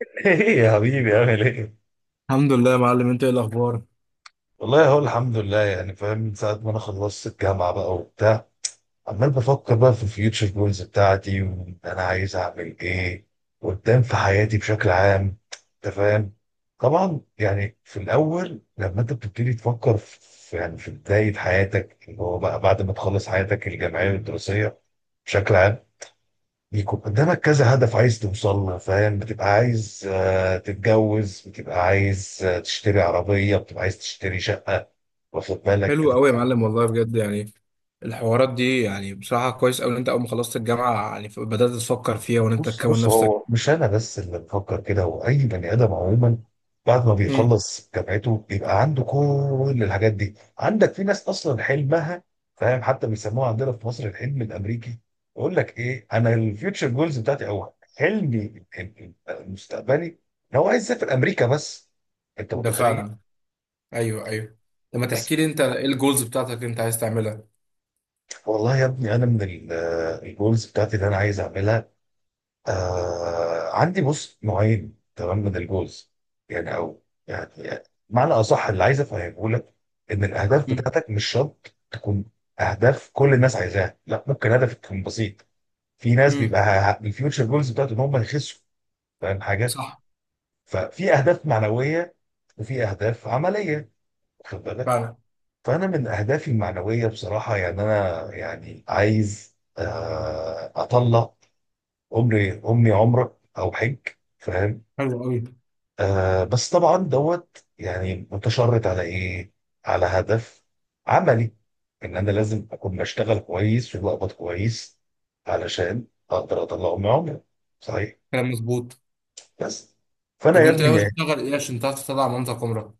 ايه يا حبيبي عامل ايه؟ الحمد لله يا معلم، انت ايه الاخبار؟ والله هو الحمد لله، يعني فاهم من ساعة ما انا خلصت الجامعة بقى وبتاع، عمال بفكر بقى في الفيوتشر جولز بتاعتي وانا عايز اعمل ايه قدام في حياتي بشكل عام. انت فاهم؟ طبعا يعني في الاول لما انت بتبتدي تفكر في، يعني في بداية حياتك اللي هو بقى بعد ما تخلص حياتك الجامعية والدراسية بشكل عام، بيكون قدامك كذا هدف عايز توصل له. فاهم؟ بتبقى عايز تتجوز، بتبقى عايز تشتري عربية، بتبقى عايز تشتري شقة. واخد بالك؟ حلو قوي يا معلم، والله بجد يعني الحوارات دي يعني بصراحه كويس قوي ان انت اول ما خلصت الجامعه يعني بدات تفكر فيها وان انت بص تكون بص، نفسك. هو مش انا بس اللي بفكر كده، هو اي بني ادم عموما بعد ما مم. بيخلص جامعته بيبقى عنده كل الحاجات دي. عندك في ناس اصلا حلمها، فاهم، حتى بيسموها عندنا في مصر الحلم الامريكي. يقول لك ايه، انا الفيوتشر جولز بتاعتي او حلمي المستقبلي ان هو عايز يسافر امريكا بس. انت ده متخيل؟ فعلا. ايوه، ايوه. لما بس تحكي لي انت ايه الجولز بتاعتك اللي انت عايز تعملها؟ والله يا ابني، انا من الجولز بتاعتي اللي انا عايز اعملها، عندي بص نوعين تمام من الجوز، يعني او معنى اصح اللي عايز افهمه لك، ان الاهداف مم. بتاعتك مش شرط تكون اهداف كل الناس عايزاها، لا، ممكن هدفك يكون بسيط. في ناس مم. بيبقى الفيوتشر جولز بتاعته ان هم يخسوا، فاهم حاجه. صح. ففي اهداف معنويه وفي اهداف عمليه، واخد بالك. فعلا. فانا من اهدافي المعنويه بصراحه، يعني انا يعني عايز اطلع عمري امي، عمرك او حج، فاهم. حلو قوي. بس طبعا دوت، يعني متشرط على ايه؟ على هدف عملي، ان انا لازم اكون بشتغل كويس وبقبض كويس، علشان اقدر اطلع من عمري. صحيح؟ كلام مظبوط. بس. فانا طب يا وانت ابني ناوي يعني، تشتغل ايه عشان تعرف تطلع منطقه عمرك؟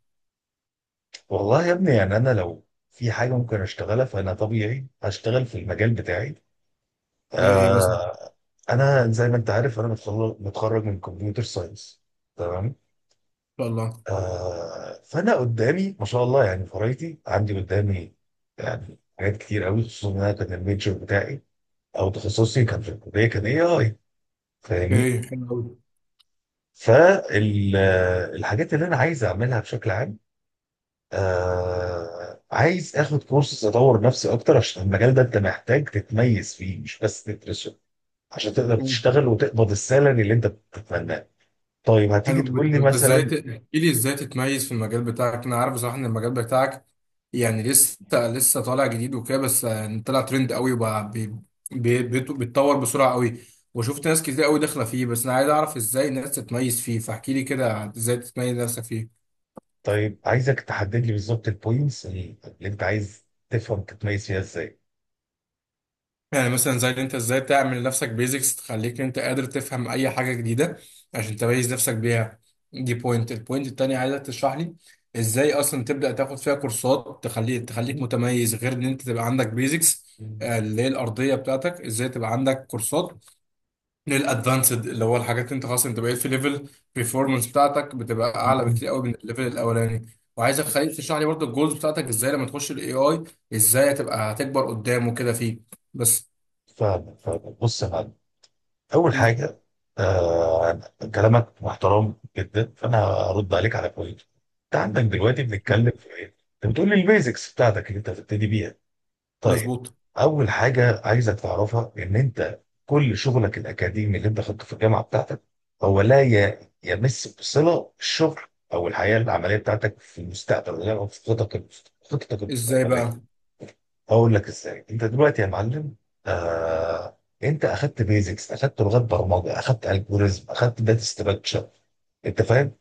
والله يا ابني يعني، انا لو في حاجه ممكن اشتغلها فانا طبيعي هشتغل في المجال بتاعي. زي ايه مثلا؟ ان آه. انا زي ما انت عارف، انا متخرج من كمبيوتر ساينس، تمام. شاء الله. آه، فانا قدامي ما شاء الله، يعني فرايتي عندي قدامي، يعني حاجات كتير قوي، خصوصا ان انا كان الميجر بتاعي او تخصصي كان في الكليه كان اي اي، فاهمني. ايه حلو. فالحاجات اللي انا عايز اعملها بشكل عام، آه، عايز اخد كورسز اطور نفسي اكتر، عشان المجال ده انت محتاج تتميز فيه مش بس تدرسه، عشان تقدر قوي. تشتغل وتقبض السالري اللي انت بتتمناه. طيب، هتيجي حلو تقول لي جدا، انت ازاي مثلا، تحكي لي ازاي تتميز في المجال بتاعك؟ انا عارف بصراحه ان المجال بتاعك يعني لسه لسه طالع جديد وكده، بس يعني طلع ترند قوي وبقى بيتطور بسرعه قوي. وشفت ناس كتير قوي داخله فيه، بس انا عايز اعرف ازاي الناس تتميز فيه، فاحكي لي كده ازاي تتميز نفسك فيه. طيب عايزك تحدد لي بالظبط البوينتس اللي انت عايز تفهم تتميز فيها ازاي. يعني مثلا زي اللي انت ازاي تعمل لنفسك بيزكس تخليك انت قادر تفهم اي حاجه جديده عشان تميز نفسك بيها. دي بوينت، البوينت التانية عايزك تشرح لي ازاي اصلا تبدا تاخد فيها كورسات تخليك متميز، غير ان انت تبقى عندك بيزكس اللي هي الارضيه بتاعتك. ازاي تبقى عندك كورسات للادفانسد اللي هو الحاجات انت خلاص، انت بقيت في ليفل performance بتاعتك بتبقى اعلى بكتير قوي من الليفل الاولاني. وعايزك خليك تشرح لي برضه الجولز بتاعتك ازاي لما تخش الاي اي، ازاي هتبقى هتكبر قدامه كده فيه. بس. فاهم بص يا معلم. اول حاجه، آه، كلامك محترم جدا، فانا هرد عليك على بوينت. انت عندك دلوقتي بنتكلم في ايه؟ انت بتقول لي البيزكس بتاعتك اللي انت هتبتدي بيها. طيب، مظبوط. اول حاجه عايزك تعرفها ان انت كل شغلك الاكاديمي اللي انت خدته في الجامعه بتاعتك هو لا يمس بصله الشغل او الحياه العمليه بتاعتك في المستقبل، او في خططك خططك ازاي بقى؟ المستقبليه. هقول لك ازاي. انت دلوقتي يا معلم، آه، انت اخدت بيزكس، اخدت لغات برمجه، اخدت الجوريزم، اخدت داتا ستراكشر، انت فاهم.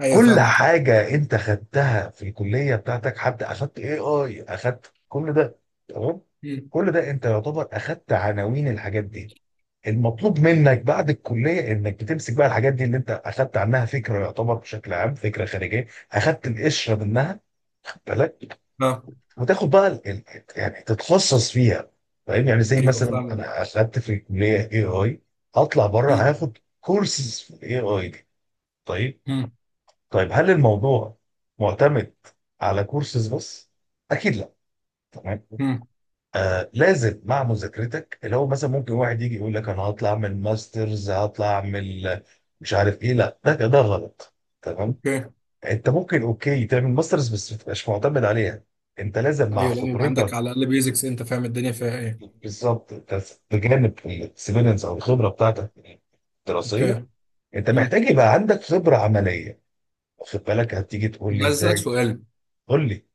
ايوه كل فاهمك. حاجة انت خدتها في الكلية بتاعتك، حتى اخدت اي اي، اخدت كل ده، تمام. مم. كل ده انت يعتبر اخدت عناوين الحاجات دي. المطلوب منك بعد الكلية انك بتمسك بقى الحاجات دي اللي انت اخدت عنها فكرة، يعتبر بشكل عام فكرة خارجية، اخدت القشرة منها، خد بالك، ها. وتاخد بقى يعني تتخصص فيها. فاهم يعني، زي ايوه مثلا فاهمك. انا اخدت في الكلية اي اي، هطلع بره مم. هاخد كورسز في الاي اي دي. طيب، مم. طيب هل الموضوع معتمد على كورسز بس؟ اكيد لا. تمام. مم. آه، لازم مع مذاكرتك، اللي هو مثلا ممكن واحد يجي يقول لك انا هطلع اعمل ماسترز، هطلع اعمل مش عارف ايه، لا، ده غلط. تمام. اوكي. انت ممكن اوكي تعمل ماسترز، بس ما تبقاش معتمد عليها، انت لازم مع ايوه، لازم يبقى عندك خبرتك، على الاقل بيزكس، انت فاهم الدنيا فيها ايه. بالظبط. أنت بجانب الاكسبيرينس او الخبره بتاعتك الدراسيه، اوكي. انت مم. محتاج يبقى عندك خبره عمليه. واخد بالك؟ هتيجي طب تقول لي عايز اسالك ازاي، سؤال. قول لي.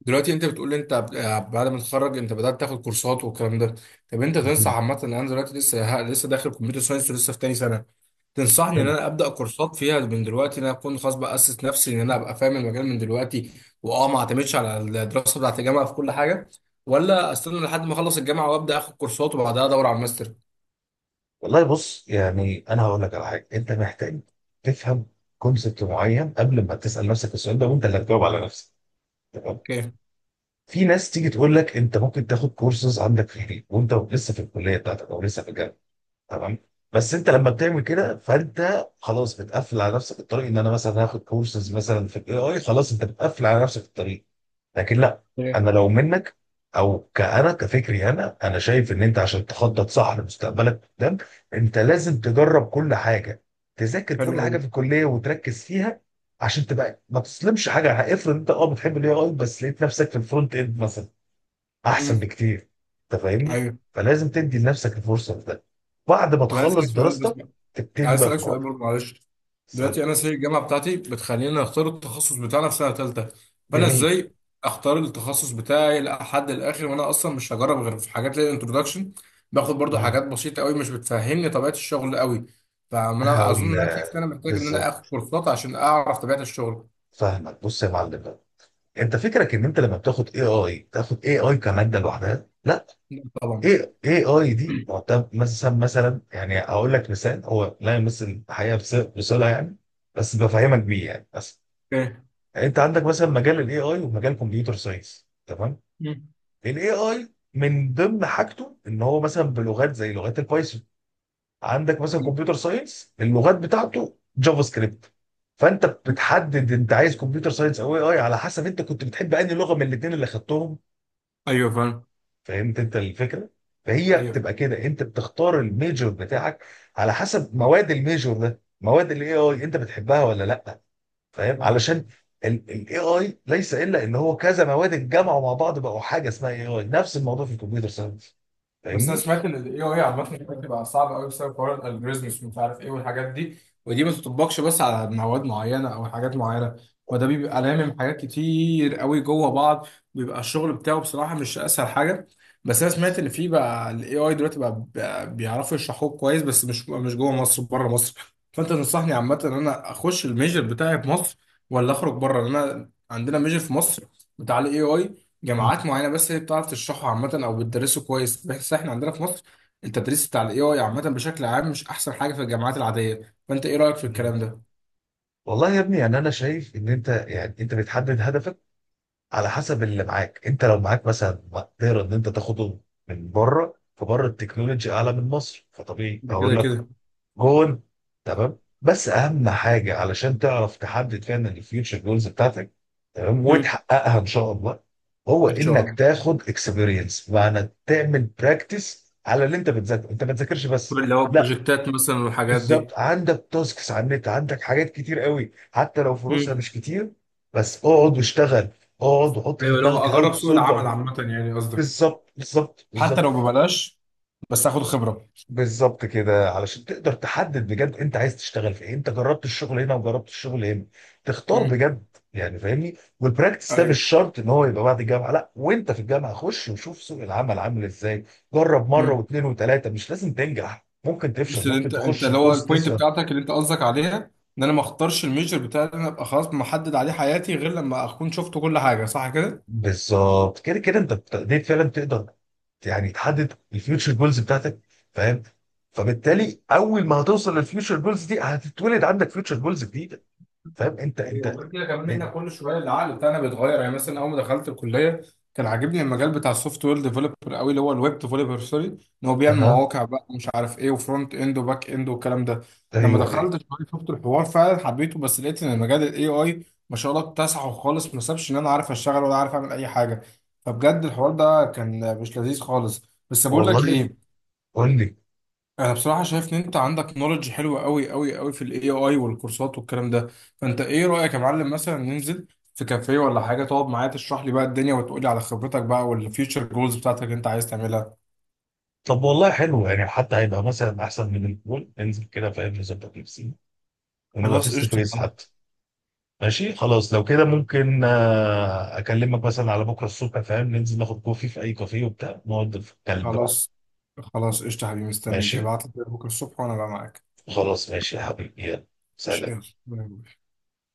دلوقتي انت بتقول لي انت بعد ما تتخرج انت بدات تاخد كورسات والكلام ده. طب انت تنصح عامه ان انا دلوقتي لسه داخل كمبيوتر ساينس ولسه في تاني سنه، تنصحني ان انا ابدا كورسات فيها من دلوقتي، ان انا اكون خلاص باسس نفسي ان انا ابقى فاهم المجال من دلوقتي؟ واه ما اعتمدش على الدراسه بتاعت الجامعه في كل حاجه، ولا استنى لحد ما اخلص الجامعه وابدا اخد كورسات وبعدها ادور على الماستر؟ والله بص، يعني انا هقول لك على حاجه. انت محتاج تفهم كونسبت معين قبل ما تسال نفسك السؤال ده، وانت اللي هتجاوب على نفسك. تمام. اوكي. في ناس تيجي تقول لك انت ممكن تاخد كورسز عندك في البيت، وانت لسه في الكليه بتاعتك او لسه في الجامعه، تمام. بس انت لما بتعمل كده فانت خلاص بتقفل على نفسك الطريق، ان انا مثلا هاخد كورسز مثلا في الاي اي، خلاص انت بتقفل على نفسك الطريق. لكن لا. إيه. انا لو منك، او كأنا كفكري انا شايف ان انت عشان تخطط صح لمستقبلك قدام، انت لازم تجرب كل حاجه، تذاكر حلو كل حاجه قوي. في الكليه وتركز فيها، عشان تبقى ما تسلمش حاجه. افرض انت اه بتحب الاي اي بس لقيت نفسك في الفرونت اند مثلا، احسن امم. بكتير. انت فاهمني. ايوه. فلازم تدي لنفسك الفرصه في ده، بعد ما طب انا اسالك تخلص سؤال بس، دراستك تبتدي عايز بقى في اسالك سؤال الواقع. برضه معلش. سؤال دلوقتي انا سي الجامعه بتاعتي بتخليني اختار التخصص بتاعنا في سنه ثالثه. فانا جميل. ازاي اختار التخصص بتاعي لحد الاخر وانا اصلا مش هجرب غير في حاجات زي الانترودكشن؟ باخد برضه مم. حاجات بسيطه قوي مش بتفهمني طبيعه الشغل قوي. فانا اظن هقول، ان انا شايف ان انا محتاج ان انا اخد بالظبط. كورسات عشان اعرف طبيعه الشغل. فاهمك بص يا معلم بقى، انت فكرك ان انت لما بتاخد اي اي تاخد اي اي كماده لوحدها، لا. طبعا. اي اي اي دي معتمد، مثلا يعني، هقول لك مثال هو لا يمثل الحقيقه بصله، يعني بس بفهمك بيه، يعني بس. اوكي. يعني انت عندك مثلا مجال الاي اي ومجال كمبيوتر ساينس، تمام. الاي اي من ضمن حاجته ان هو مثلا بلغات زي لغات البايثون، عندك مثلا كمبيوتر ساينس اللغات بتاعته جافا سكريبت. فانت بتحدد انت عايز كمبيوتر ساينس او اي اي على حسب انت كنت بتحب انهي لغه من الاثنين اللي خدتهم. ايوه فاهم. فهمت انت الفكره؟ فهي ايوه. بتبقى كده، انت بتختار الميجور بتاعك على حسب مواد الميجور ده، مواد الاي اي انت بتحبها ولا لا. فاهم؟ علشان الاي اي ليس الا ان هو كذا مواد اتجمعوا مع بعض بقوا حاجه اسمها اي اي، نفس الموضوع في الكمبيوتر ساينس. بس انا فاهمني. سمعت ان الاي اي عامه بتبقى صعبه قوي بسبب حوار الالجوريزمز ومش عارف ايه والحاجات دي. ودي ما بتطبقش بس على مواد معينه او حاجات معينه، وده بيبقى لامم حاجات كتير قوي جوه بعض، بيبقى الشغل بتاعه بصراحه مش اسهل حاجه. بس انا سمعت بالظبط. ان في بقى الاي اي دلوقتي بقى بيعرفوا يشرحوه كويس، بس مش جوه مصر، بره مصر. فانت تنصحني عامه ان انا اخش الميجر بتاعي في مصر ولا اخرج بره؟ انا عندنا ميجر في مصر بتاع الاي اي، جامعات معينه بس هي بتعرف تشرحه عامه او بتدرسه كويس. بس احنا عندنا في مصر التدريس بتاع الاي اي عامه بشكل عام مش احسن حاجه في الجامعات العاديه. فانت ايه رايك في مم. الكلام ده؟ والله يا ابني يعني انا شايف ان انت يعني انت بتحدد هدفك على حسب اللي معاك. انت لو معاك مثلا مقدره ان انت تاخده من بره، فبره التكنولوجي اعلى من مصر، فطبيعي ده كده اقول لك كده. جون. تمام، بس اهم حاجه علشان تعرف تحدد فعلا الفيوتشر جولز بتاعتك، تمام، مم. وتحققها ان شاء الله، هو ان شاء انك الله. تاخد اكسبيرينس، معنى تعمل براكتس على اللي انت بتذاكره، انت ما تذاكرش بس، اللي هو لا. بروجكتات مثلا والحاجات دي. بالظبط، عندك تاسكس على النت، عندك حاجات كتير قوي، حتى لو فلوسها مم. مش كتير، بس اقعد واشتغل، اقعد وحط في ايوه، لو دماغك هاو اجرب تو سوق سولف. العمل عامه يعني قصدك؟ بالظبط بالظبط حتى لو بالظبط. ببلاش، بس اخد خبره. بالظبط كده، علشان تقدر تحدد بجد انت عايز تشتغل في ايه، انت جربت الشغل هنا وجربت الشغل هنا، تختار مم. بجد، يعني فاهمني. والبراكتس ده ايوه. مش شرط ان هو يبقى بعد الجامعه، لا، وانت في الجامعه خش وشوف سوق العمل عامل ازاي. جرب مره مم. واثنين وثلاثه، مش لازم تنجح، ممكن بس تفشل، اللي ممكن انت تخش اللي هو الكورس البوينت تسأل. بتاعتك اللي انت قصدك عليها، ان انا ما اختارش الميجر بتاعي اللي انا ابقى خلاص محدد عليه حياتي غير لما اكون شفت كل حاجه، صح كده؟ بالظبط كده كده انت ابتديت فعلا تقدر يعني تحدد الفيوتشر جولز بتاعتك، فاهم. فبالتالي اول ما هتوصل للفيوتشر جولز دي هتتولد عندك فيوتشر جولز جديده، فاهم. انت ايوه. انت وغير كده كمان احنا كل شويه العقل بتاعنا بيتغير. يعني مثلا اول ما دخلت الكليه كان عاجبني المجال بتاع السوفت وير ديفلوبر قوي، اللي هو الويب ديفلوبر سوري، ان هو بيعمل اها، مواقع بقى ومش عارف ايه، وفرونت اند وباك اند والكلام ده. لما ايوه دخلت ايوه. شويه شفت الحوار فعلا حبيته، بس لقيت ان مجال الاي اي ما شاء الله اتسعه خالص، ما سابش ان انا عارف اشتغل ولا عارف اعمل اي حاجه. فبجد الحوار ده كان مش لذيذ خالص. بس بقول لك والله، ايه، قول لي. انا بصراحه شايف ان انت عندك نولج حلوه قوي قوي قوي في الاي اي والكورسات والكلام ده. فانت ايه رايك يا معلم مثلا ننزل في كافيه ولا حاجه، تقعد معايا تشرح لي بقى الدنيا وتقول لي على خبرتك بقى والفيوتشر جولز بتاعتك اللي انت عايز تعملها؟ طب والله حلو، يعني حتى هيبقى مثلا احسن من البول، ننزل كده، فاهم، نظبط نفسي، ونبقى خلاص فيس تو قشطه يا فيس حبيبي. حتى. ماشي خلاص، لو كده ممكن اكلمك مثلا على بكره الصبح، فاهم، ننزل ناخد كوفي في اي كافيه وبتاع، نقعد في الكلب. خلاص خلاص قشطه يا حبيبي، مستنيك ماشي. ابعت لي كده بكره الصبح وانا بقى معاك. خلاص ماشي يا حبيبي، يلا، ماشي، سلام. يلا. باي باي.